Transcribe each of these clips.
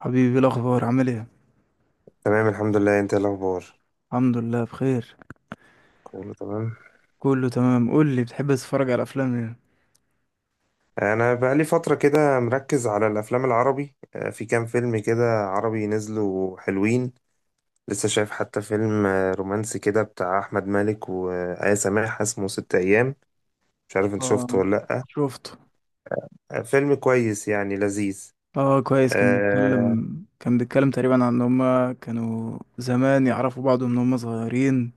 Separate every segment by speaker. Speaker 1: حبيبي، إيه الاخبار؟ عامل ايه؟
Speaker 2: تمام، الحمد لله. انت ايه الاخبار؟
Speaker 1: الحمد لله بخير،
Speaker 2: كله تمام.
Speaker 1: كله تمام. قول لي، بتحب تتفرج على افلام ايه؟
Speaker 2: انا بقالي فتره كده مركز على الافلام العربي، في كام فيلم كده عربي نزلوا حلوين. لسه شايف حتى فيلم رومانسي كده بتاع احمد مالك وآية سماح، اسمه ست ايام. مش عارف انت شفته
Speaker 1: اه،
Speaker 2: ولا لا.
Speaker 1: شفته.
Speaker 2: آه، فيلم كويس يعني لذيذ.
Speaker 1: اه كويس، كان
Speaker 2: آه،
Speaker 1: بيتكلم كان بيتكلم تقريبا عن ان هما كانوا زمان يعرفوا بعض من هما صغيرين،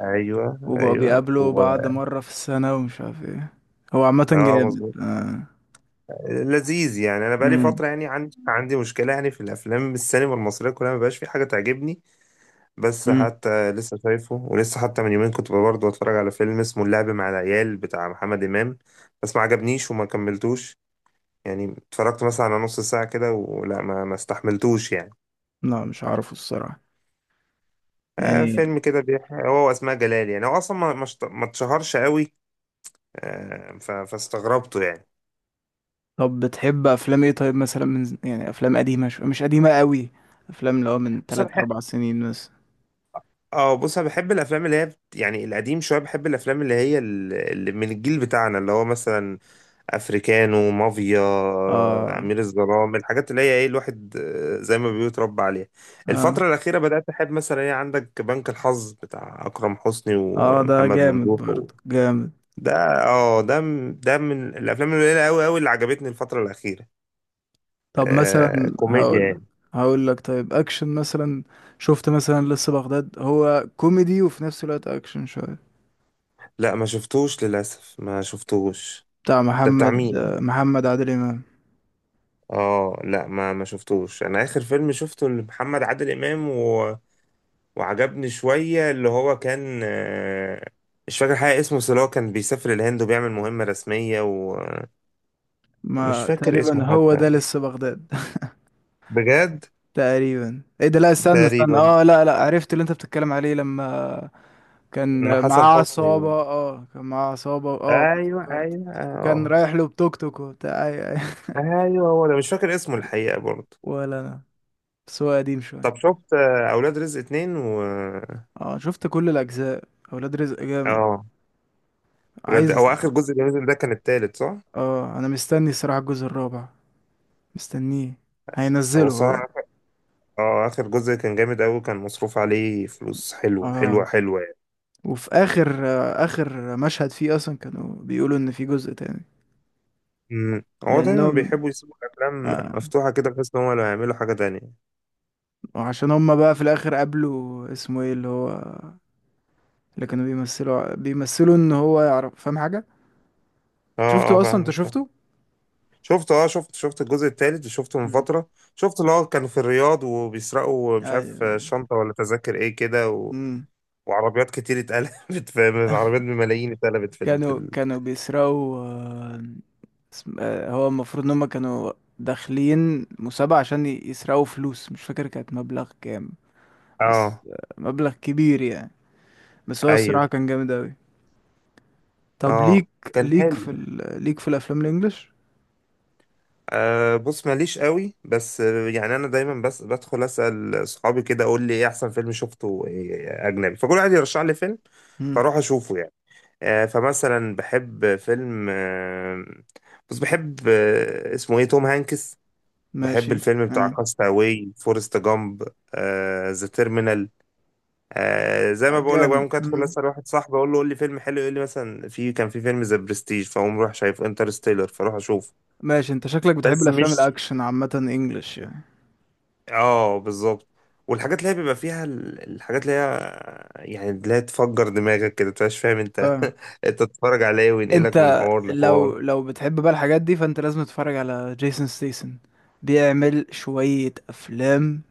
Speaker 2: ايوه
Speaker 1: وبقوا
Speaker 2: ايوه
Speaker 1: بيقابلوا
Speaker 2: و...
Speaker 1: بعض مرة في السنة ومش عارف ايه. هو عامة
Speaker 2: اه
Speaker 1: جامد
Speaker 2: مظبوط.
Speaker 1: آه.
Speaker 2: لذيذ يعني. انا بقالي
Speaker 1: مم.
Speaker 2: فتره، يعني عندي مشكله يعني في الافلام، السينما المصريه كلها ما بقاش في حاجه تعجبني. بس
Speaker 1: مم.
Speaker 2: حتى لسه شايفه، ولسه حتى من يومين كنت برضه بتفرج على فيلم اسمه اللعب مع العيال بتاع محمد إمام. بس ما عجبنيش وما كملتوش. يعني اتفرجت مثلا على نص ساعة كده، ولا ما استحملتوش يعني.
Speaker 1: لا مش عارفه الصراحة
Speaker 2: آه،
Speaker 1: يعني.
Speaker 2: فيلم كده بيحكي هو وأسماء جلال، يعني هو أصلا ما اتشهرش قوي. فاستغربته يعني.
Speaker 1: طب بتحب افلام ايه؟ طيب مثلا من يعني افلام قديمة، مش قديمة قوي، افلام اللي هو من
Speaker 2: بص
Speaker 1: 3
Speaker 2: أنا بحب.
Speaker 1: 4 سنين مثلا.
Speaker 2: اه، بص انا بحب الافلام اللي هي يعني القديم شويه، بحب الافلام اللي هي اللي من الجيل بتاعنا، اللي هو مثلا افريكانو مافيا،
Speaker 1: اه
Speaker 2: امير الظلام، الحاجات اللي هي ايه الواحد، زي ما بيقول اتربى عليها.
Speaker 1: اه
Speaker 2: الفتره الاخيره بدات احب مثلا، ايه، عندك بنك الحظ بتاع اكرم حسني
Speaker 1: اه، ده
Speaker 2: ومحمد
Speaker 1: جامد
Speaker 2: ممدوح.
Speaker 1: برضه، جامد.
Speaker 2: ده، اه، ده من الافلام القليله قوي قوي اللي عجبتني الفتره الاخيره.
Speaker 1: طب
Speaker 2: آه،
Speaker 1: مثلا
Speaker 2: كوميديا
Speaker 1: هقول
Speaker 2: يعني.
Speaker 1: هقول لك طيب اكشن مثلا. شفت مثلا لسه بغداد؟ هو كوميدي وفي نفس الوقت اكشن شوية،
Speaker 2: لا، ما شفتوش للاسف، ما شفتوش.
Speaker 1: بتاع
Speaker 2: ده بتاع
Speaker 1: محمد
Speaker 2: مين؟
Speaker 1: آه، محمد عادل امام.
Speaker 2: اه لا، ما شفتوش. انا اخر فيلم شفته لمحمد عادل امام وعجبني شوية، اللي هو كان، مش فاكر حاجة اسمه، بس اللي هو كان بيسافر الهند وبيعمل مهمة رسمية، ومش
Speaker 1: ما
Speaker 2: فاكر اسمه
Speaker 1: تقريبا هو
Speaker 2: حتى
Speaker 1: ده لسه بغداد.
Speaker 2: بجد.
Speaker 1: تقريبا ايه ده، لا استنى استنى،
Speaker 2: تقريبا.
Speaker 1: اه لا لا، عرفت اللي انت بتتكلم عليه، لما
Speaker 2: مع
Speaker 1: كان
Speaker 2: حسن
Speaker 1: معاه
Speaker 2: حسني
Speaker 1: عصابة
Speaker 2: و...
Speaker 1: اه كان معاه عصابة اه
Speaker 2: أيوه
Speaker 1: افتكرت.
Speaker 2: أيوه
Speaker 1: وكان
Speaker 2: أه،
Speaker 1: رايح له بتوك توك وبتاع اي اي.
Speaker 2: أيوه هو ده، مش فاكر اسمه الحقيقة برضه.
Speaker 1: ولا انا، بس هو قديم
Speaker 2: طب
Speaker 1: شوية.
Speaker 2: شفت أولاد رزق اتنين و
Speaker 1: اه شفت كل الاجزاء، اولاد رزق جامد.
Speaker 2: أه. ولاد،
Speaker 1: عايز،
Speaker 2: هو آخر جزء اللي نزل ده كان التالت، صح؟
Speaker 1: اه انا مستني الصراحه الجزء الرابع، مستنيه،
Speaker 2: هو
Speaker 1: هينزله هو.
Speaker 2: صح. أه، آخر جزء كان جامد أوي، كان مصروف عليه فلوس حلوة
Speaker 1: اه،
Speaker 2: حلوة حلوة.
Speaker 1: وفي اخر مشهد فيه اصلا كانوا بيقولوا ان في جزء تاني
Speaker 2: هو دايما
Speaker 1: لانهم
Speaker 2: بيحبوا يسيبوا الافلام
Speaker 1: آه
Speaker 2: مفتوحه كده، بحيث ان هم لو هيعملوا حاجه تانية.
Speaker 1: وعشان هم بقى في الاخر قابلوا اسمه ايه اللي هو، اللي كانوا بيمثلوا ان هو يعرف، فاهم حاجه؟
Speaker 2: اه
Speaker 1: شفته
Speaker 2: اه،
Speaker 1: اصلا؟ انت
Speaker 2: فاهمك فاهم.
Speaker 1: شفته.
Speaker 2: شفت اه، شفت الجزء التالت، شفته من
Speaker 1: امم
Speaker 2: فتره. شفت اللي هو كانوا في الرياض وبيسرقوا مش عارف
Speaker 1: ايوه.
Speaker 2: شنطه ولا تذاكر ايه كده.
Speaker 1: مم.
Speaker 2: وعربيات كتير اتقلبت في عربيات بملايين اتقلبت في ال... في
Speaker 1: كانوا
Speaker 2: ال...
Speaker 1: كانوا بيسرقوا، هو المفروض ان هم كانوا داخلين مسابقة عشان يسرقوا فلوس، مش فاكر كانت مبلغ كام، بس
Speaker 2: اه
Speaker 1: مبلغ كبير يعني، بس هو الصراحة
Speaker 2: ايوه.
Speaker 1: كان جامد أوي. طب
Speaker 2: اه
Speaker 1: ليك
Speaker 2: كان
Speaker 1: ليك
Speaker 2: حلو.
Speaker 1: ليك في الأفلام الإنجليش؟
Speaker 2: آه، بص ماليش قوي، بس يعني انا دايما بس بدخل اسال صحابي كده، اقول لي ايه احسن فيلم شفته، إيه اجنبي، فكل واحد يرشح لي فيلم.
Speaker 1: مم.
Speaker 2: فاروح اشوفه يعني. فمثلا بحب فيلم، بس بحب، اسمه ايه توم هانكس. بحب
Speaker 1: ماشي.
Speaker 2: الفيلم بتاع
Speaker 1: آه.
Speaker 2: كاستاوي، فورست جامب، ذا تيرمينال. آه، زي ما بقول لك بقى
Speaker 1: جامد.
Speaker 2: ممكن ادخل
Speaker 1: مم.
Speaker 2: اسال واحد صاحبي، اقول له قول لي فيلم حلو، يقول لي مثلا في، كان في فيلم ذا برستيج، فاقوم رايح شايف انترستيلر، فاروح اشوف.
Speaker 1: ماشي. انت شكلك بتحب
Speaker 2: بس
Speaker 1: الأفلام
Speaker 2: مش،
Speaker 1: الأكشن عامة إنجليش يعني،
Speaker 2: اه بالظبط. والحاجات اللي هي بيبقى فيها الحاجات اللي هي يعني اللي هي تفجر دماغك كده، تبقاش فاهم انت
Speaker 1: فاهم؟
Speaker 2: انت تتفرج عليه وينقلك من
Speaker 1: انت
Speaker 2: حوار لحوار.
Speaker 1: لو بتحب بقى الحاجات دي فانت لازم تتفرج على جيسون ستيسن، بيعمل شوية افلام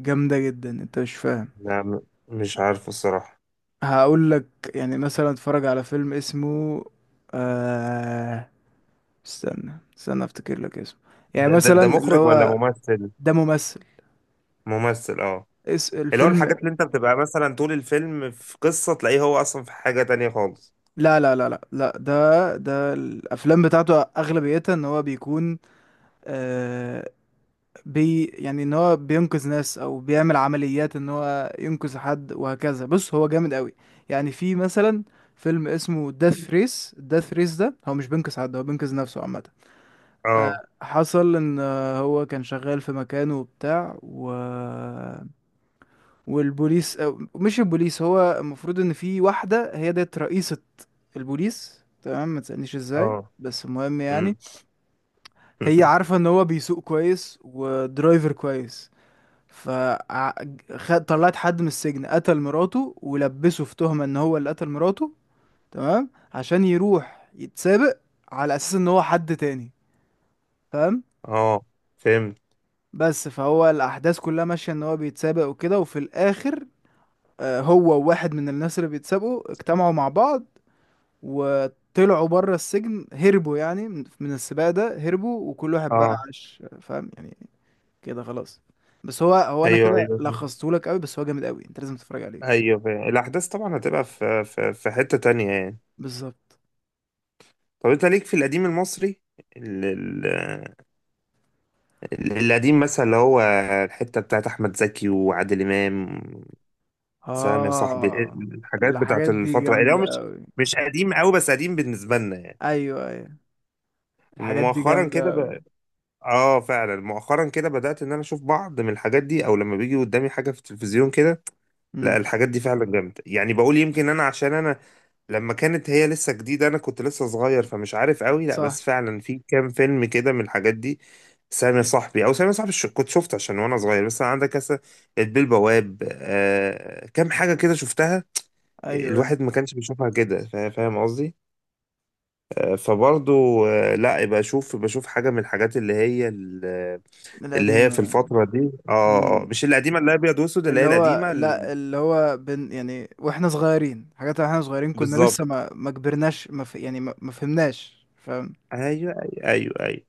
Speaker 1: جامدة جدا انت مش فاهم.
Speaker 2: لا م- مش عارف الصراحة.
Speaker 1: هقول لك، يعني مثلا اتفرج على فيلم اسمه آه... استنى استنى افتكر لك اسمه، يعني
Speaker 2: ده
Speaker 1: مثلا اللي
Speaker 2: مخرج ولا
Speaker 1: هو،
Speaker 2: ممثل؟
Speaker 1: ده ممثل،
Speaker 2: ممثل اه.
Speaker 1: اس
Speaker 2: اللي هو
Speaker 1: الفيلم.
Speaker 2: الحاجات اللي انت بتبقى مثلا طول الفيلم في قصة، تلاقيه هو اصلا في حاجة تانية خالص.
Speaker 1: لا لا لا لا لا، ده الافلام بتاعته اغلبيتها ان هو بيكون، آه، بي يعني ان هو بينقذ ناس او بيعمل عمليات ان هو ينقذ حد وهكذا. بص هو جامد قوي. يعني في مثلا فيلم اسمه داث ريس، داث ريس ده هو مش بينقذ حد، هو بينقذ نفسه عامة.
Speaker 2: اه
Speaker 1: حصل ان هو كان شغال في مكانه وبتاع والبوليس، أو مش البوليس، هو المفروض ان في واحدة هي ديت رئيسة البوليس، تمام؟ ما تسألنيش ازاي،
Speaker 2: اه،
Speaker 1: بس المهم يعني
Speaker 2: امم
Speaker 1: هي عارفة ان هو بيسوق كويس ودرايفر كويس، فطلعت حد من السجن قتل مراته ولبسه في تهمة ان هو اللي قتل مراته، تمام، عشان يروح يتسابق على اساس ان هو حد تاني، فاهم؟
Speaker 2: اه، فهمت.
Speaker 1: بس فهو الاحداث كلها ماشية ان هو بيتسابق وكده، وفي الاخر هو وواحد من الناس اللي بيتسابقوا اجتمعوا مع بعض وطلعوا بره السجن، هربوا يعني، من السباق ده هربوا، وكل واحد بقى
Speaker 2: اه،
Speaker 1: عاش، فاهم يعني؟ كده خلاص. بس هو انا
Speaker 2: ايوه
Speaker 1: كده
Speaker 2: ايوه
Speaker 1: لخصتهولك قوي، بس هو جامد قوي، انت لازم تتفرج عليه.
Speaker 2: ايوه، فهمت. الاحداث طبعا هتبقى في في حتة تانية يعني.
Speaker 1: بالظبط.
Speaker 2: طب انت ليك في القديم المصري، ال- ال- القديم مثلا، اللي هو الحتة بتاعت احمد زكي وعادل امام، سلام يا صاحبي، إيه
Speaker 1: اه
Speaker 2: الحاجات بتاعت
Speaker 1: الحاجات دي
Speaker 2: الفترة اللي هو
Speaker 1: جامدة
Speaker 2: مش،
Speaker 1: أوي.
Speaker 2: مش قديم قوي بس قديم بالنسبة لنا يعني.
Speaker 1: أيوة أيوة، الحاجات دي
Speaker 2: مؤخرا كده
Speaker 1: جامدة أوي.
Speaker 2: ب... اه، فعلا مؤخرا كده بدأت ان انا اشوف بعض من الحاجات دي، او لما بيجي قدامي حاجة في التلفزيون كده.
Speaker 1: مم.
Speaker 2: لا، الحاجات دي فعلا جامدة يعني، بقول يمكن انا عشان انا لما كانت هي لسه جديدة انا كنت لسه صغير فمش عارف قوي، لا
Speaker 1: صح.
Speaker 2: بس فعلا في كام فيلم كده من الحاجات دي. سامي صاحبي، او سامي صاحبي، كنت شفته عشان وانا صغير، بس عندك مثلا البيه البواب، آه، كام حاجة كده شفتها.
Speaker 1: أيوة أيوة.
Speaker 2: الواحد ما كانش بيشوفها كده، فاهم قصدي. فبرضه لا، بشوف بشوف حاجه من الحاجات اللي هي اللي هي في
Speaker 1: القديمة.
Speaker 2: الفتره دي. اه،
Speaker 1: مم.
Speaker 2: مش القديمه اللي هي ابيض واسود، اللي هي
Speaker 1: اللي هو،
Speaker 2: القديمه.
Speaker 1: لا اللي هو بن يعني واحنا صغيرين، حاجات واحنا صغيرين كنا
Speaker 2: بالظبط.
Speaker 1: لسه، ما كبرناش، ما ف... يعني ما فهمناش، فاهم؟
Speaker 2: ايوه ايوه ايوه ايوه.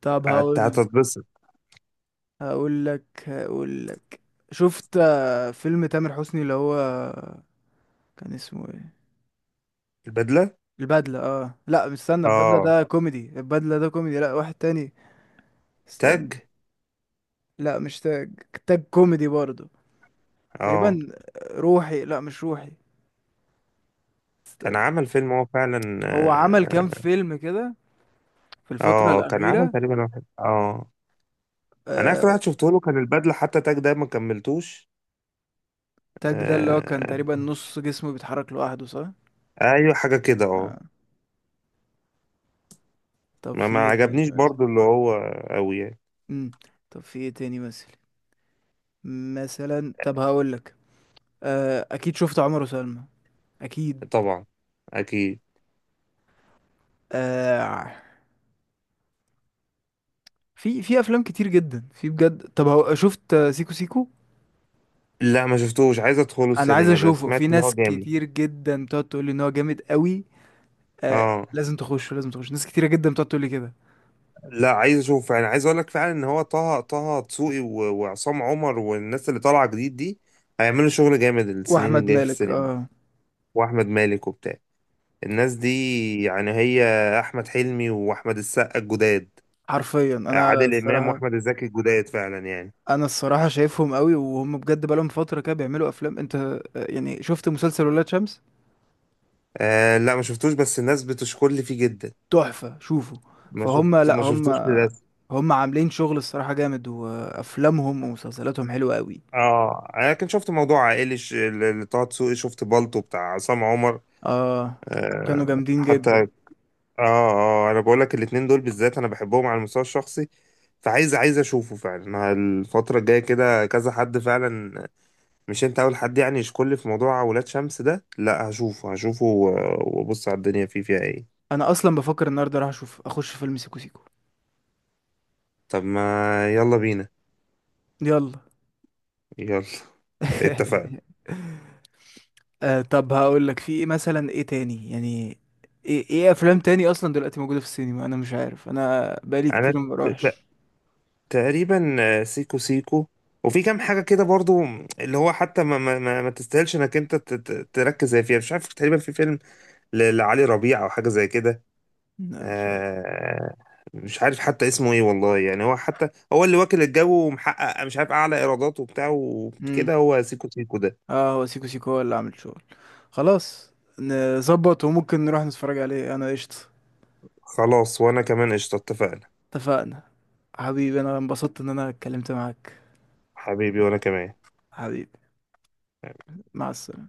Speaker 1: طب هقول
Speaker 2: هتتبسط.
Speaker 1: هقول لك هقول لك شفت فيلم تامر حسني اللي هو كان اسمه ايه؟
Speaker 2: البدله
Speaker 1: البدلة. اه لا مستنى، البدلة
Speaker 2: اه،
Speaker 1: ده كوميدي، لا واحد تاني، است...
Speaker 2: تاج
Speaker 1: لا مش تاج، تاج كوميدي برضه تقريبا.
Speaker 2: اه،
Speaker 1: روحي، لا مش روحي،
Speaker 2: كان
Speaker 1: استنى.
Speaker 2: عمل فيلم هو فعلا
Speaker 1: هو عمل كام
Speaker 2: اه،
Speaker 1: فيلم كده في الفترة
Speaker 2: كان عمل
Speaker 1: الأخيرة؟
Speaker 2: تقريبا واحد اه. انا اخر
Speaker 1: آه...
Speaker 2: واحد شفته له كان البدله، حتى تاج ده ما كملتوش.
Speaker 1: تاج ده اللي هو كان
Speaker 2: آه،
Speaker 1: تقريبا نص جسمه بيتحرك لوحده، صح؟
Speaker 2: ايوه حاجه كده اه.
Speaker 1: آه. طب
Speaker 2: ما,
Speaker 1: في
Speaker 2: ما
Speaker 1: ايه تاني
Speaker 2: عجبنيش
Speaker 1: مثلا؟
Speaker 2: برضو، اللي هو قوي يعني.
Speaker 1: مم. طب في ايه تاني مثلا؟ مثلا طب هقول لك أكيد شفت عمر وسلمى، أكيد.
Speaker 2: طبعا، اكيد.
Speaker 1: آه... في أفلام كتير جدا، في بجد، طب شفت سيكو سيكو؟
Speaker 2: لا، ما شفتوش، عايز ادخله
Speaker 1: أنا عايز
Speaker 2: السينما، ده
Speaker 1: أشوفه،
Speaker 2: سمعت
Speaker 1: في
Speaker 2: ان هو
Speaker 1: ناس
Speaker 2: جامد.
Speaker 1: كتير جدا بتقعد تقول لي إن هو جامد قوي. آه
Speaker 2: اه،
Speaker 1: لازم تخش، لازم تخش، ناس كتيرة جدا بتقعد تقول لي كده.
Speaker 2: لا عايز اشوف فعلا، عايز اقول لك فعلا ان هو طه دسوقي، وعصام عمر والناس اللي طالعه جديد دي، هيعملوا شغل جامد السنين
Speaker 1: واحمد
Speaker 2: الجايه في
Speaker 1: مالك،
Speaker 2: السينما.
Speaker 1: اه.
Speaker 2: واحمد مالك وبتاع، الناس دي يعني، هي احمد حلمي واحمد السقا الجداد،
Speaker 1: حرفيا انا
Speaker 2: عادل امام
Speaker 1: الصراحة،
Speaker 2: واحمد الزكي الجداد فعلا يعني.
Speaker 1: شايفهم قوي، وهم بجد بقالهم فترة كده بيعملوا افلام. انت يعني شفت مسلسل ولاد شمس؟
Speaker 2: آه، لا ما شفتوش بس الناس بتشكر لي فيه جدا.
Speaker 1: تحفة، شوفوا.
Speaker 2: ما
Speaker 1: فهم،
Speaker 2: شفت،
Speaker 1: لا
Speaker 2: ما
Speaker 1: هم
Speaker 2: شفتوش للاسف.
Speaker 1: هم عاملين شغل الصراحة جامد، وافلامهم ومسلسلاتهم حلوة قوي.
Speaker 2: اه، انا كنت شفت موضوع عائلي، اللي طه دسوقي، شفت بالطو بتاع عصام عمر،
Speaker 1: اه كانوا
Speaker 2: آه،
Speaker 1: جامدين
Speaker 2: حتى. اه
Speaker 1: جدا.
Speaker 2: اه، انا بقول لك الاتنين دول بالذات انا بحبهم على المستوى الشخصي، عايز اشوفه فعلا الفترة الجاية كده. كذا حد فعلا، مش انت اول حد يعني يشكر لي في موضوع ولاد شمس ده، لا هشوفه هشوفه وابص على الدنيا فيه، فيها ايه.
Speaker 1: انا اصلا بفكر النهارده راح اشوف اخش فيلم سيكو سيكو.
Speaker 2: طب ما يلا بينا.
Speaker 1: يلا.
Speaker 2: يلا. اتفقنا.
Speaker 1: طب هقول لك في ايه مثلا، ايه تاني يعني، ايه افلام تاني اصلا دلوقتي موجوده في السينما، انا مش عارف، انا بقالي
Speaker 2: انا
Speaker 1: كتير ما بروحش.
Speaker 2: تقريبا سيكو سيكو وفي كام حاجة كده برضو، اللي هو حتى ما تستاهلش انك انت تركز زي فيها، مش عارف، تقريبا في فيلم لعلي ربيع او حاجة زي كده.
Speaker 1: لا مش عارف.
Speaker 2: آه، مش عارف حتى اسمه ايه والله يعني، هو حتى هو اللي واكل الجو ومحقق مش عارف اعلى ايرادات وبتاع
Speaker 1: امم
Speaker 2: وكده، هو سيكو سيكو ده.
Speaker 1: اه هو سيكو سيكو هو اللي عامل شغل. خلاص، نظبط وممكن نروح نتفرج عليه، انا قشطه.
Speaker 2: خلاص وانا كمان قشطة، اتفقنا.
Speaker 1: اتفقنا. حبيبي انا انبسطت ان انا اتكلمت معاك.
Speaker 2: حبيبي وانا كمان.
Speaker 1: حبيبي. مع السلامه.